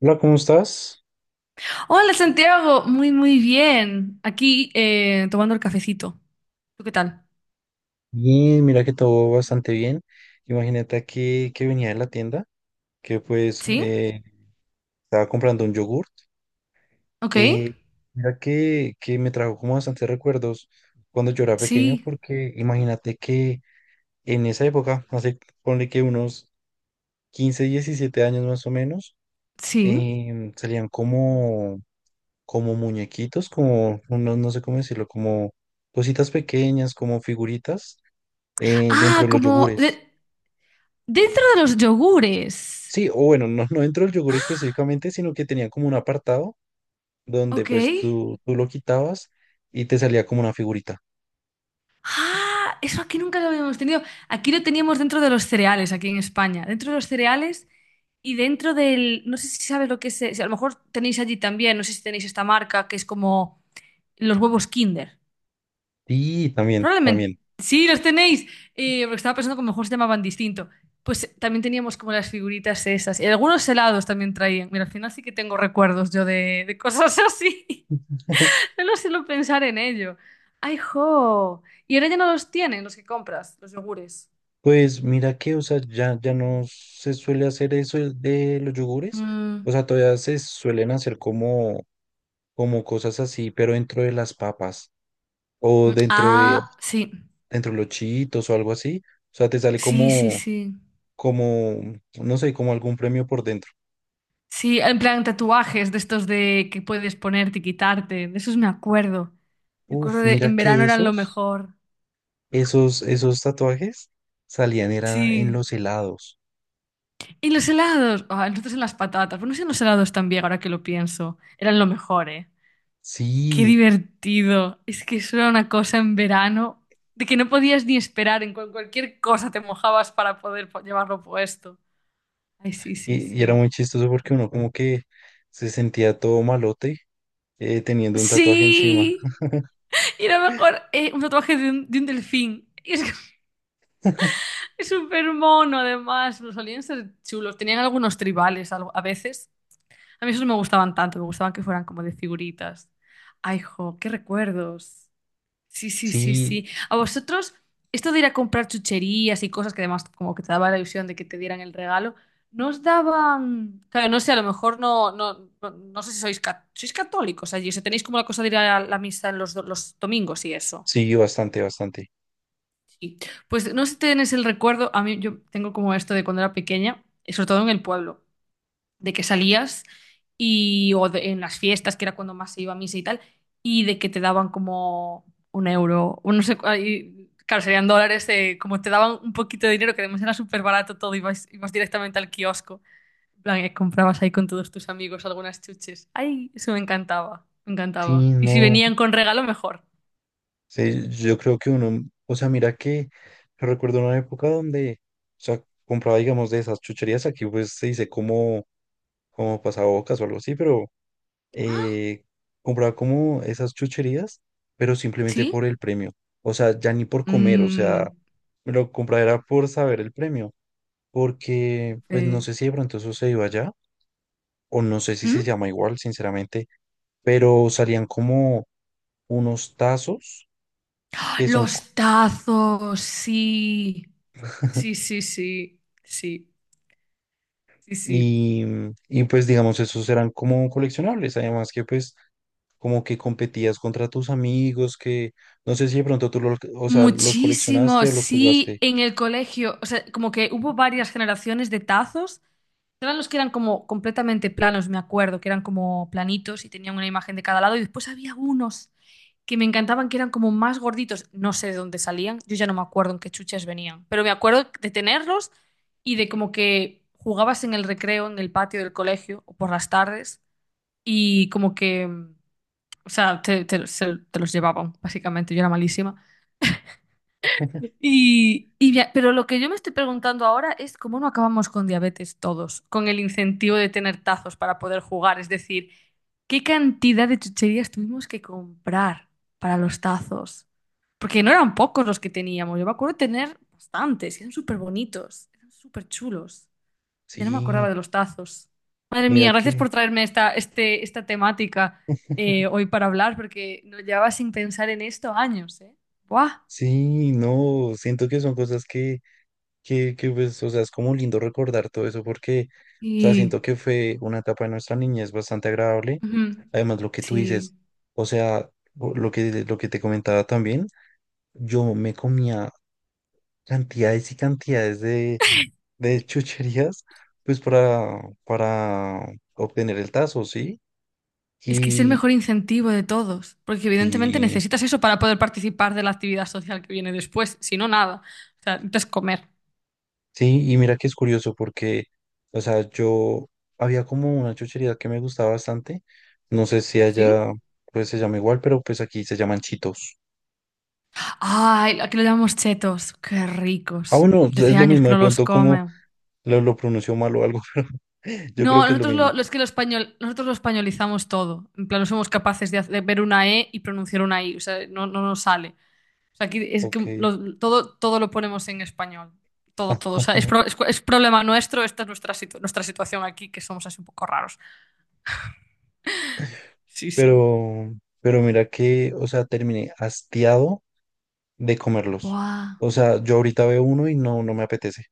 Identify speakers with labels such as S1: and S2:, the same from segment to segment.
S1: Hola, ¿cómo estás?
S2: Hola Santiago, muy muy bien. Aquí tomando el cafecito. ¿Tú qué tal?
S1: Bien, mira que todo bastante bien. Imagínate que venía de la tienda, que pues
S2: ¿Sí?
S1: estaba comprando un yogurt.
S2: ¿Ok?
S1: Eh, Mira que me trajo como bastantes recuerdos cuando yo era pequeño,
S2: Sí,
S1: porque imagínate que en esa época, hace ponle que unos 15 17 años más o menos,
S2: sí.
S1: salían como, como muñequitos, como, no sé cómo decirlo, como cositas pequeñas, como figuritas dentro
S2: Ah,
S1: de los
S2: como
S1: yogures.
S2: dentro de los yogures.
S1: Sí, o bueno, no entró el yogur específicamente, sino que tenía como un apartado donde
S2: ¿Ok?
S1: pues tú lo quitabas y te salía como una figurita.
S2: Ah, eso aquí nunca lo habíamos tenido. Aquí lo teníamos dentro de los cereales, aquí en España. Dentro de los cereales y dentro del. No sé si sabes lo que es, si a lo mejor tenéis allí también, no sé si tenéis esta marca que es como los huevos Kinder.
S1: Y también,
S2: Probablemente.
S1: también.
S2: Sí, los tenéis. Porque estaba pensando que a lo mejor se llamaban distinto. Pues también teníamos como las figuritas esas. Y algunos helados también traían. Mira, al final sí que tengo recuerdos yo de cosas así. No sé, lo suelo pensar en ello. ¡Ay, jo! Y ahora ya no los tienen los que compras, los yogures.
S1: Pues mira que, o sea, ya no se suele hacer eso el de los yogures.
S2: Mm.
S1: O sea, todavía se suelen hacer como, como cosas así, pero dentro de las papas o
S2: Mm, ah, sí.
S1: dentro de los chitos o algo así. O sea, te sale
S2: Sí, sí,
S1: como,
S2: sí.
S1: como, no sé, como algún premio por dentro.
S2: Sí, en plan tatuajes de estos de que puedes ponerte y quitarte. De esos me acuerdo. Me acuerdo
S1: Uf,
S2: de
S1: mira
S2: en verano
S1: que
S2: eran lo
S1: esos.
S2: mejor.
S1: Esos, esos tatuajes salían era en
S2: Sí.
S1: los helados.
S2: Y los helados. Ah, nosotros en las patatas. Bueno, si en los helados también, ahora que lo pienso. Eran lo mejor, ¿eh? Qué
S1: Sí,
S2: divertido. Es que eso era una cosa en verano de que no podías ni esperar. Cualquier cosa te mojabas para poder llevarlo puesto. Ay, sí, sí,
S1: y era
S2: sí.
S1: muy chistoso porque uno como que se sentía todo malote teniendo un tatuaje encima.
S2: ¡Sí! Y era mejor un tatuaje de un delfín. Y es que es súper mono, además. Los solían ser chulos. Tenían algunos tribales a veces. A mí esos no me gustaban tanto, me gustaban que fueran como de figuritas. Ay, jo, qué recuerdos. Sí, sí, sí,
S1: Sí,
S2: sí. A vosotros, esto de ir a comprar chucherías y cosas que además como que te daba la ilusión de que te dieran el regalo, ¿no os daban? Claro, no sé, a lo mejor no, no, no, no sé si sois, sois católicos allí, o sea, tenéis como la cosa de ir a la misa en los domingos y eso.
S1: sí, bastante, bastante.
S2: Sí. Pues no sé si tenéis el recuerdo, a mí yo tengo como esto de cuando era pequeña, y sobre todo en el pueblo de que salías y en las fiestas, que era cuando más se iba a misa y tal, y de que te daban como 1 euro, o no sé, ahí, claro, serían dólares, como te daban un poquito de dinero, que además era súper barato todo, ibas directamente al kiosco, en plan, comprabas ahí con todos tus amigos algunas chuches. Ay, eso me encantaba, me
S1: Sí,
S2: encantaba. Y si
S1: no.
S2: venían con regalo, mejor.
S1: Sí, yo creo que uno, o sea, mira que yo recuerdo una época donde, o sea, compraba, digamos, de esas chucherías. Aquí pues se dice como, como pasabocas o algo así, pero eh, compraba como esas chucherías, pero simplemente por
S2: ¿Sí?
S1: el premio. O sea, ya ni por comer, o
S2: Mm.
S1: sea, me lo compraba era por saber el premio, porque pues no
S2: eh,
S1: sé si de pronto eso se iba allá, o no sé si
S2: ¿Mm?
S1: se llama igual, sinceramente, pero salían como unos tazos
S2: ¡Ah,
S1: que son, co-
S2: los tazos, sí! Sí, sí, sí, sí. Sí, sí.
S1: y, y pues digamos, esos eran como coleccionables, además que pues como que competías contra tus amigos, que no sé si de pronto tú los, o sea, los
S2: Muchísimo,
S1: coleccionaste o los
S2: sí,
S1: jugaste.
S2: en el colegio, o sea, como que hubo varias generaciones de tazos. Eran los que eran como completamente planos, me acuerdo, que eran como planitos y tenían una imagen de cada lado. Y después había unos que me encantaban, que eran como más gorditos. No sé de dónde salían, yo ya no me acuerdo en qué chuches venían, pero me acuerdo de tenerlos y de como que jugabas en el recreo, en el patio del colegio o por las tardes y como que, o sea, te los llevaban, básicamente. Yo era malísima. Pero lo que yo me estoy preguntando ahora es cómo no acabamos con diabetes todos, con el incentivo de tener tazos para poder jugar. Es decir, ¿qué cantidad de chucherías tuvimos que comprar para los tazos? Porque no eran pocos los que teníamos. Yo me acuerdo de tener bastantes, y eran súper bonitos, eran súper chulos. Ya no me acordaba
S1: Sí.
S2: de los tazos. Madre mía,
S1: Mira
S2: gracias
S1: que,
S2: por traerme esta temática hoy para hablar, porque no llevaba sin pensar en esto años, ¿eh? ¡Buah!
S1: sí, no, siento que son cosas que, pues, o sea, es como lindo recordar todo eso porque, o sea,
S2: Y...
S1: siento que fue una etapa de nuestra niñez bastante agradable.
S2: Ujú.
S1: Además, lo que tú
S2: Sí,
S1: dices, o sea, lo lo que te comentaba también, yo me comía cantidades y cantidades de chucherías, pues, para obtener el tazo, ¿sí?
S2: es que es el
S1: Y,
S2: mejor incentivo de todos, porque evidentemente
S1: sí.
S2: necesitas eso para poder participar de la actividad social que viene después, si no, nada. O sea, necesitas comer,
S1: Sí, y mira que es curioso porque, o sea, yo había como una chuchería que me gustaba bastante. No sé si allá
S2: ¿sí?
S1: pues se llama igual, pero pues aquí se llaman chitos.
S2: Ay, aquí lo llamamos chetos, qué
S1: Ah,
S2: ricos.
S1: bueno,
S2: De
S1: es
S2: hace
S1: lo
S2: años
S1: mismo,
S2: que
S1: de
S2: no los
S1: pronto como
S2: come.
S1: lo pronunció mal o algo, pero yo creo
S2: No,
S1: que es lo
S2: nosotros
S1: mismo.
S2: es que lo español, nosotros lo españolizamos todo. En plan, no somos capaces de ver una E y pronunciar una I, o sea, no, no nos sale. O sea, aquí es que
S1: Ok.
S2: todo, todo lo ponemos en español. Todo, todo. O sea, es, pro- es- es problema nuestro, esta es nuestra situación aquí, que somos así un poco raros. Sí, sí.
S1: Pero, pero mira que, o sea, terminé hastiado de comerlos.
S2: Buah.
S1: O sea, yo ahorita veo uno y no me apetece.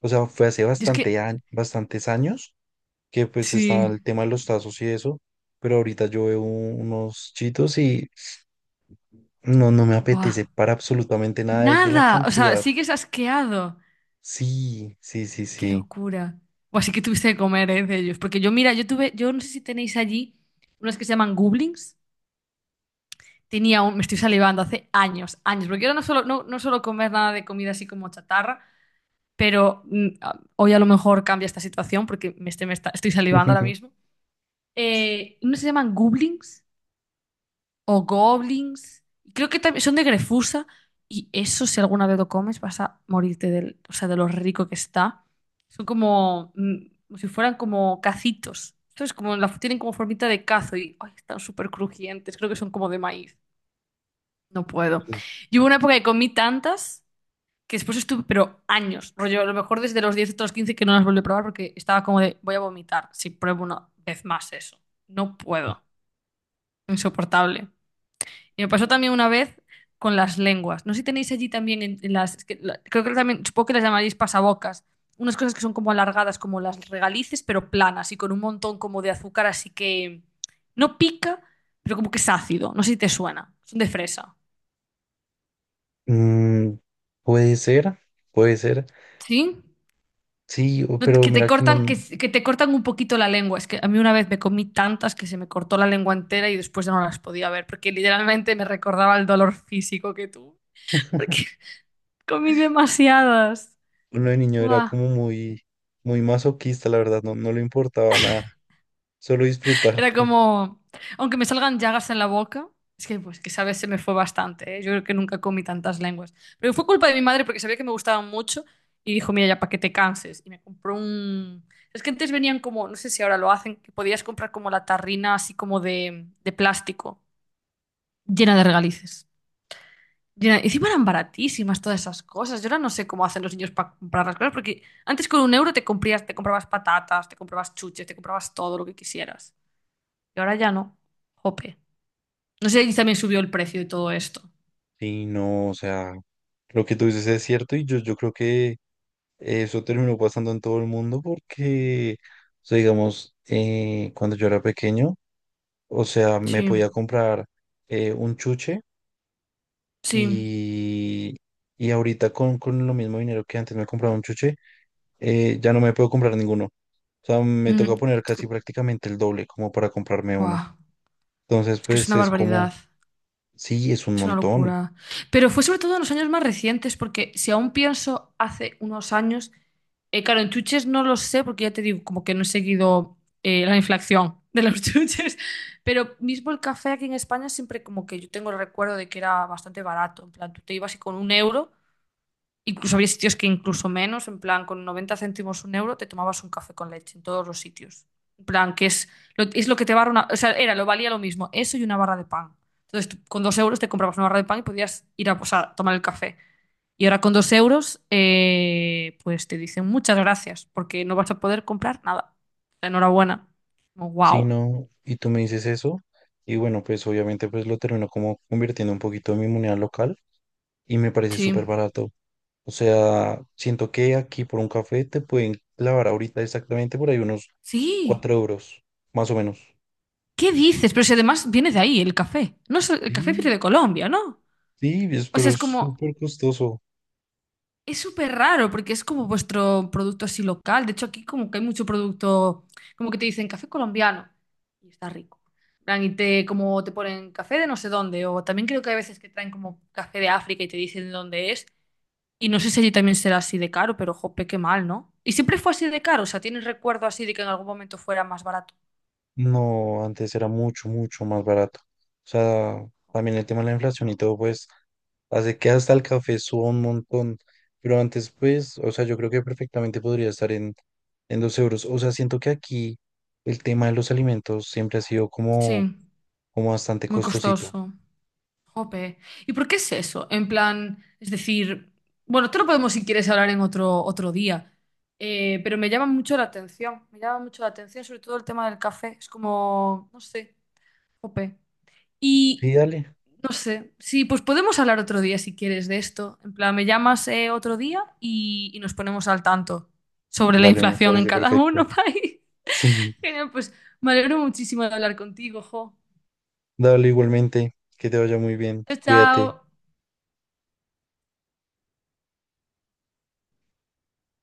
S1: O sea, fue hace
S2: Y es
S1: bastante
S2: que,
S1: bastantes años que pues estaba
S2: sí.
S1: el tema de los tazos y eso, pero ahorita yo veo unos chitos y no me
S2: Buah.
S1: apetece para absolutamente nada de, de la
S2: Nada. O sea,
S1: cantidad.
S2: sigues asqueado.
S1: Sí, sí, sí,
S2: Qué
S1: sí.
S2: locura. O así que tuviste que comer, de ellos. Porque yo, mira, yo no sé si tenéis allí unas que se llaman goblins. Tenía un, me estoy salivando hace años, años, porque yo no solo no, no suelo comer nada de comida así como chatarra, pero hoy a lo mejor cambia esta situación porque me estoy, me está- estoy salivando ahora mismo. Unos se llaman goblins o goblins. Creo que también son de Grefusa y eso si alguna vez lo comes vas a morirte del, o sea, de lo rico que está. Son como, como si fueran como cacitos. Entonces, tienen como formita de cazo y ay, están súper crujientes. Creo que son como de maíz. No puedo. Y hubo una época que comí tantas que después estuve, pero años, rollo, a lo mejor desde los 10 hasta los 15 que no las volví a probar porque estaba como de, voy a vomitar si pruebo una vez más eso. No puedo, insoportable. Y me pasó también una vez con las lenguas. No sé si tenéis allí también en las, es que la- creo que también, supongo que las llamaréis pasabocas, unas cosas que son como alargadas, como las regalices, pero planas y con un montón como de azúcar, así que no pica, pero como que es ácido. No sé si te suena, son de fresa.
S1: Mm, puede ser, puede ser.
S2: ¿Sí?
S1: Sí, o-
S2: No,
S1: pero
S2: que te
S1: mira que no,
S2: cortan,
S1: uno
S2: que te cortan un poquito la lengua. Es que a mí una vez me comí tantas que se me cortó la lengua entera y después ya no las podía ver, porque literalmente me recordaba el dolor físico que tuve. Porque comí demasiadas.
S1: de niño era
S2: Buah.
S1: como muy, muy masoquista, la verdad, no le importaba nada, solo disfrutar.
S2: Era como, aunque me salgan llagas en la boca, es que pues que sabes, se me fue bastante, ¿eh? Yo creo que nunca comí tantas lenguas. Pero fue culpa de mi madre porque sabía que me gustaban mucho y dijo, mira, ya para que te canses. Y me compró un. Es que antes venían como, no sé si ahora lo hacen, que podías comprar como la tarrina así como de plástico, llena de regalices. Llena, y encima eran baratísimas todas esas cosas. Yo ahora no sé cómo hacen los niños para comprar las cosas, porque antes con 1 euro te comprabas patatas, te comprabas chuches, te comprabas todo lo que quisieras. Y ahora ya no. Jope. No sé si también subió el precio y todo esto.
S1: Sí, no, o sea, lo que tú dices es cierto y yo creo que eso terminó pasando en todo el mundo porque, o sea, digamos, cuando yo era pequeño, o sea, me
S2: Sí,
S1: podía comprar un chuche
S2: sí.
S1: y, y ahorita con lo mismo dinero que antes me compraba un chuche, ya no me puedo comprar ninguno. O sea, me
S2: Mm,
S1: toca poner
S2: es
S1: casi
S2: que-
S1: prácticamente el doble como para comprarme uno.
S2: Buah,
S1: Entonces,
S2: es que es
S1: pues
S2: una
S1: es como,
S2: barbaridad,
S1: sí, es un
S2: es una
S1: montón.
S2: locura. Pero fue sobre todo en los años más recientes, porque si aún pienso hace unos años, claro, en chuches no lo sé, porque ya te digo, como que no he seguido la inflación de los chuches, pero mismo el café aquí en España siempre como que yo tengo el recuerdo de que era bastante barato, en plan, tú te ibas y con 1 euro. Incluso había sitios que incluso menos, en plan, con 90 céntimos 1 euro te tomabas un café con leche en todos los sitios. En plan, que es lo que te barra una. O sea, era, lo valía lo mismo, eso y una barra de pan. Entonces, tú con 2 euros te comprabas una barra de pan y podías ir a, o sea, tomar el café. Y ahora con 2 euros, pues te dicen muchas gracias, porque no vas a poder comprar nada. Enhorabuena. Como,
S1: Sí,
S2: wow.
S1: no, y tú me dices eso. Y bueno, pues obviamente pues lo termino como convirtiendo un poquito en mi moneda local y me parece
S2: Sí.
S1: súper barato. O sea, siento que aquí por un café te pueden clavar ahorita exactamente por ahí unos
S2: Sí.
S1: 4 euros, más o menos.
S2: ¿Qué dices? Pero si además viene de ahí el café. No es- El café
S1: Sí,
S2: viene de Colombia, ¿no?
S1: sí, es-
S2: O sea,
S1: pero
S2: es
S1: es
S2: como.
S1: súper costoso.
S2: Es súper raro porque es como vuestro producto así local. De hecho, aquí como que hay mucho producto, como que te dicen café colombiano y está rico. En plan, y te, como te ponen café de no sé dónde, o también creo que hay veces que traen como café de África y te dicen de dónde es. Y no sé si allí también será así de caro, pero jope, qué mal, ¿no? Y siempre fue así de caro, o sea, ¿tienes recuerdo así de que en algún momento fuera más barato?
S1: No, antes era mucho, mucho más barato. O sea, también el tema de la inflación y todo, pues, hace que hasta el café suba un montón. Pero antes, pues, o sea, yo creo que perfectamente podría estar en 2 euros. O sea, siento que aquí el tema de los alimentos siempre ha sido como,
S2: Sí,
S1: como bastante
S2: muy
S1: costosito.
S2: costoso. Jope. ¿Y por qué es eso? En plan, es decir, bueno, te lo podemos si quieres hablar en otro, otro día. Pero me llama mucho la atención, me llama mucho la atención, sobre todo el tema del café, es como, no sé, jope. Y,
S1: Sí, dale.
S2: no sé, sí, pues podemos hablar otro día si quieres de esto, en plan, me llamas otro día y nos ponemos al tanto sobre la
S1: Dale, me
S2: inflación en
S1: parece
S2: cada
S1: perfecto.
S2: uno, país.
S1: Sí,
S2: Genial, pues me alegro muchísimo de hablar contigo, jo.
S1: dale igualmente. Que te vaya muy bien.
S2: Chao,
S1: Cuídate.
S2: chao.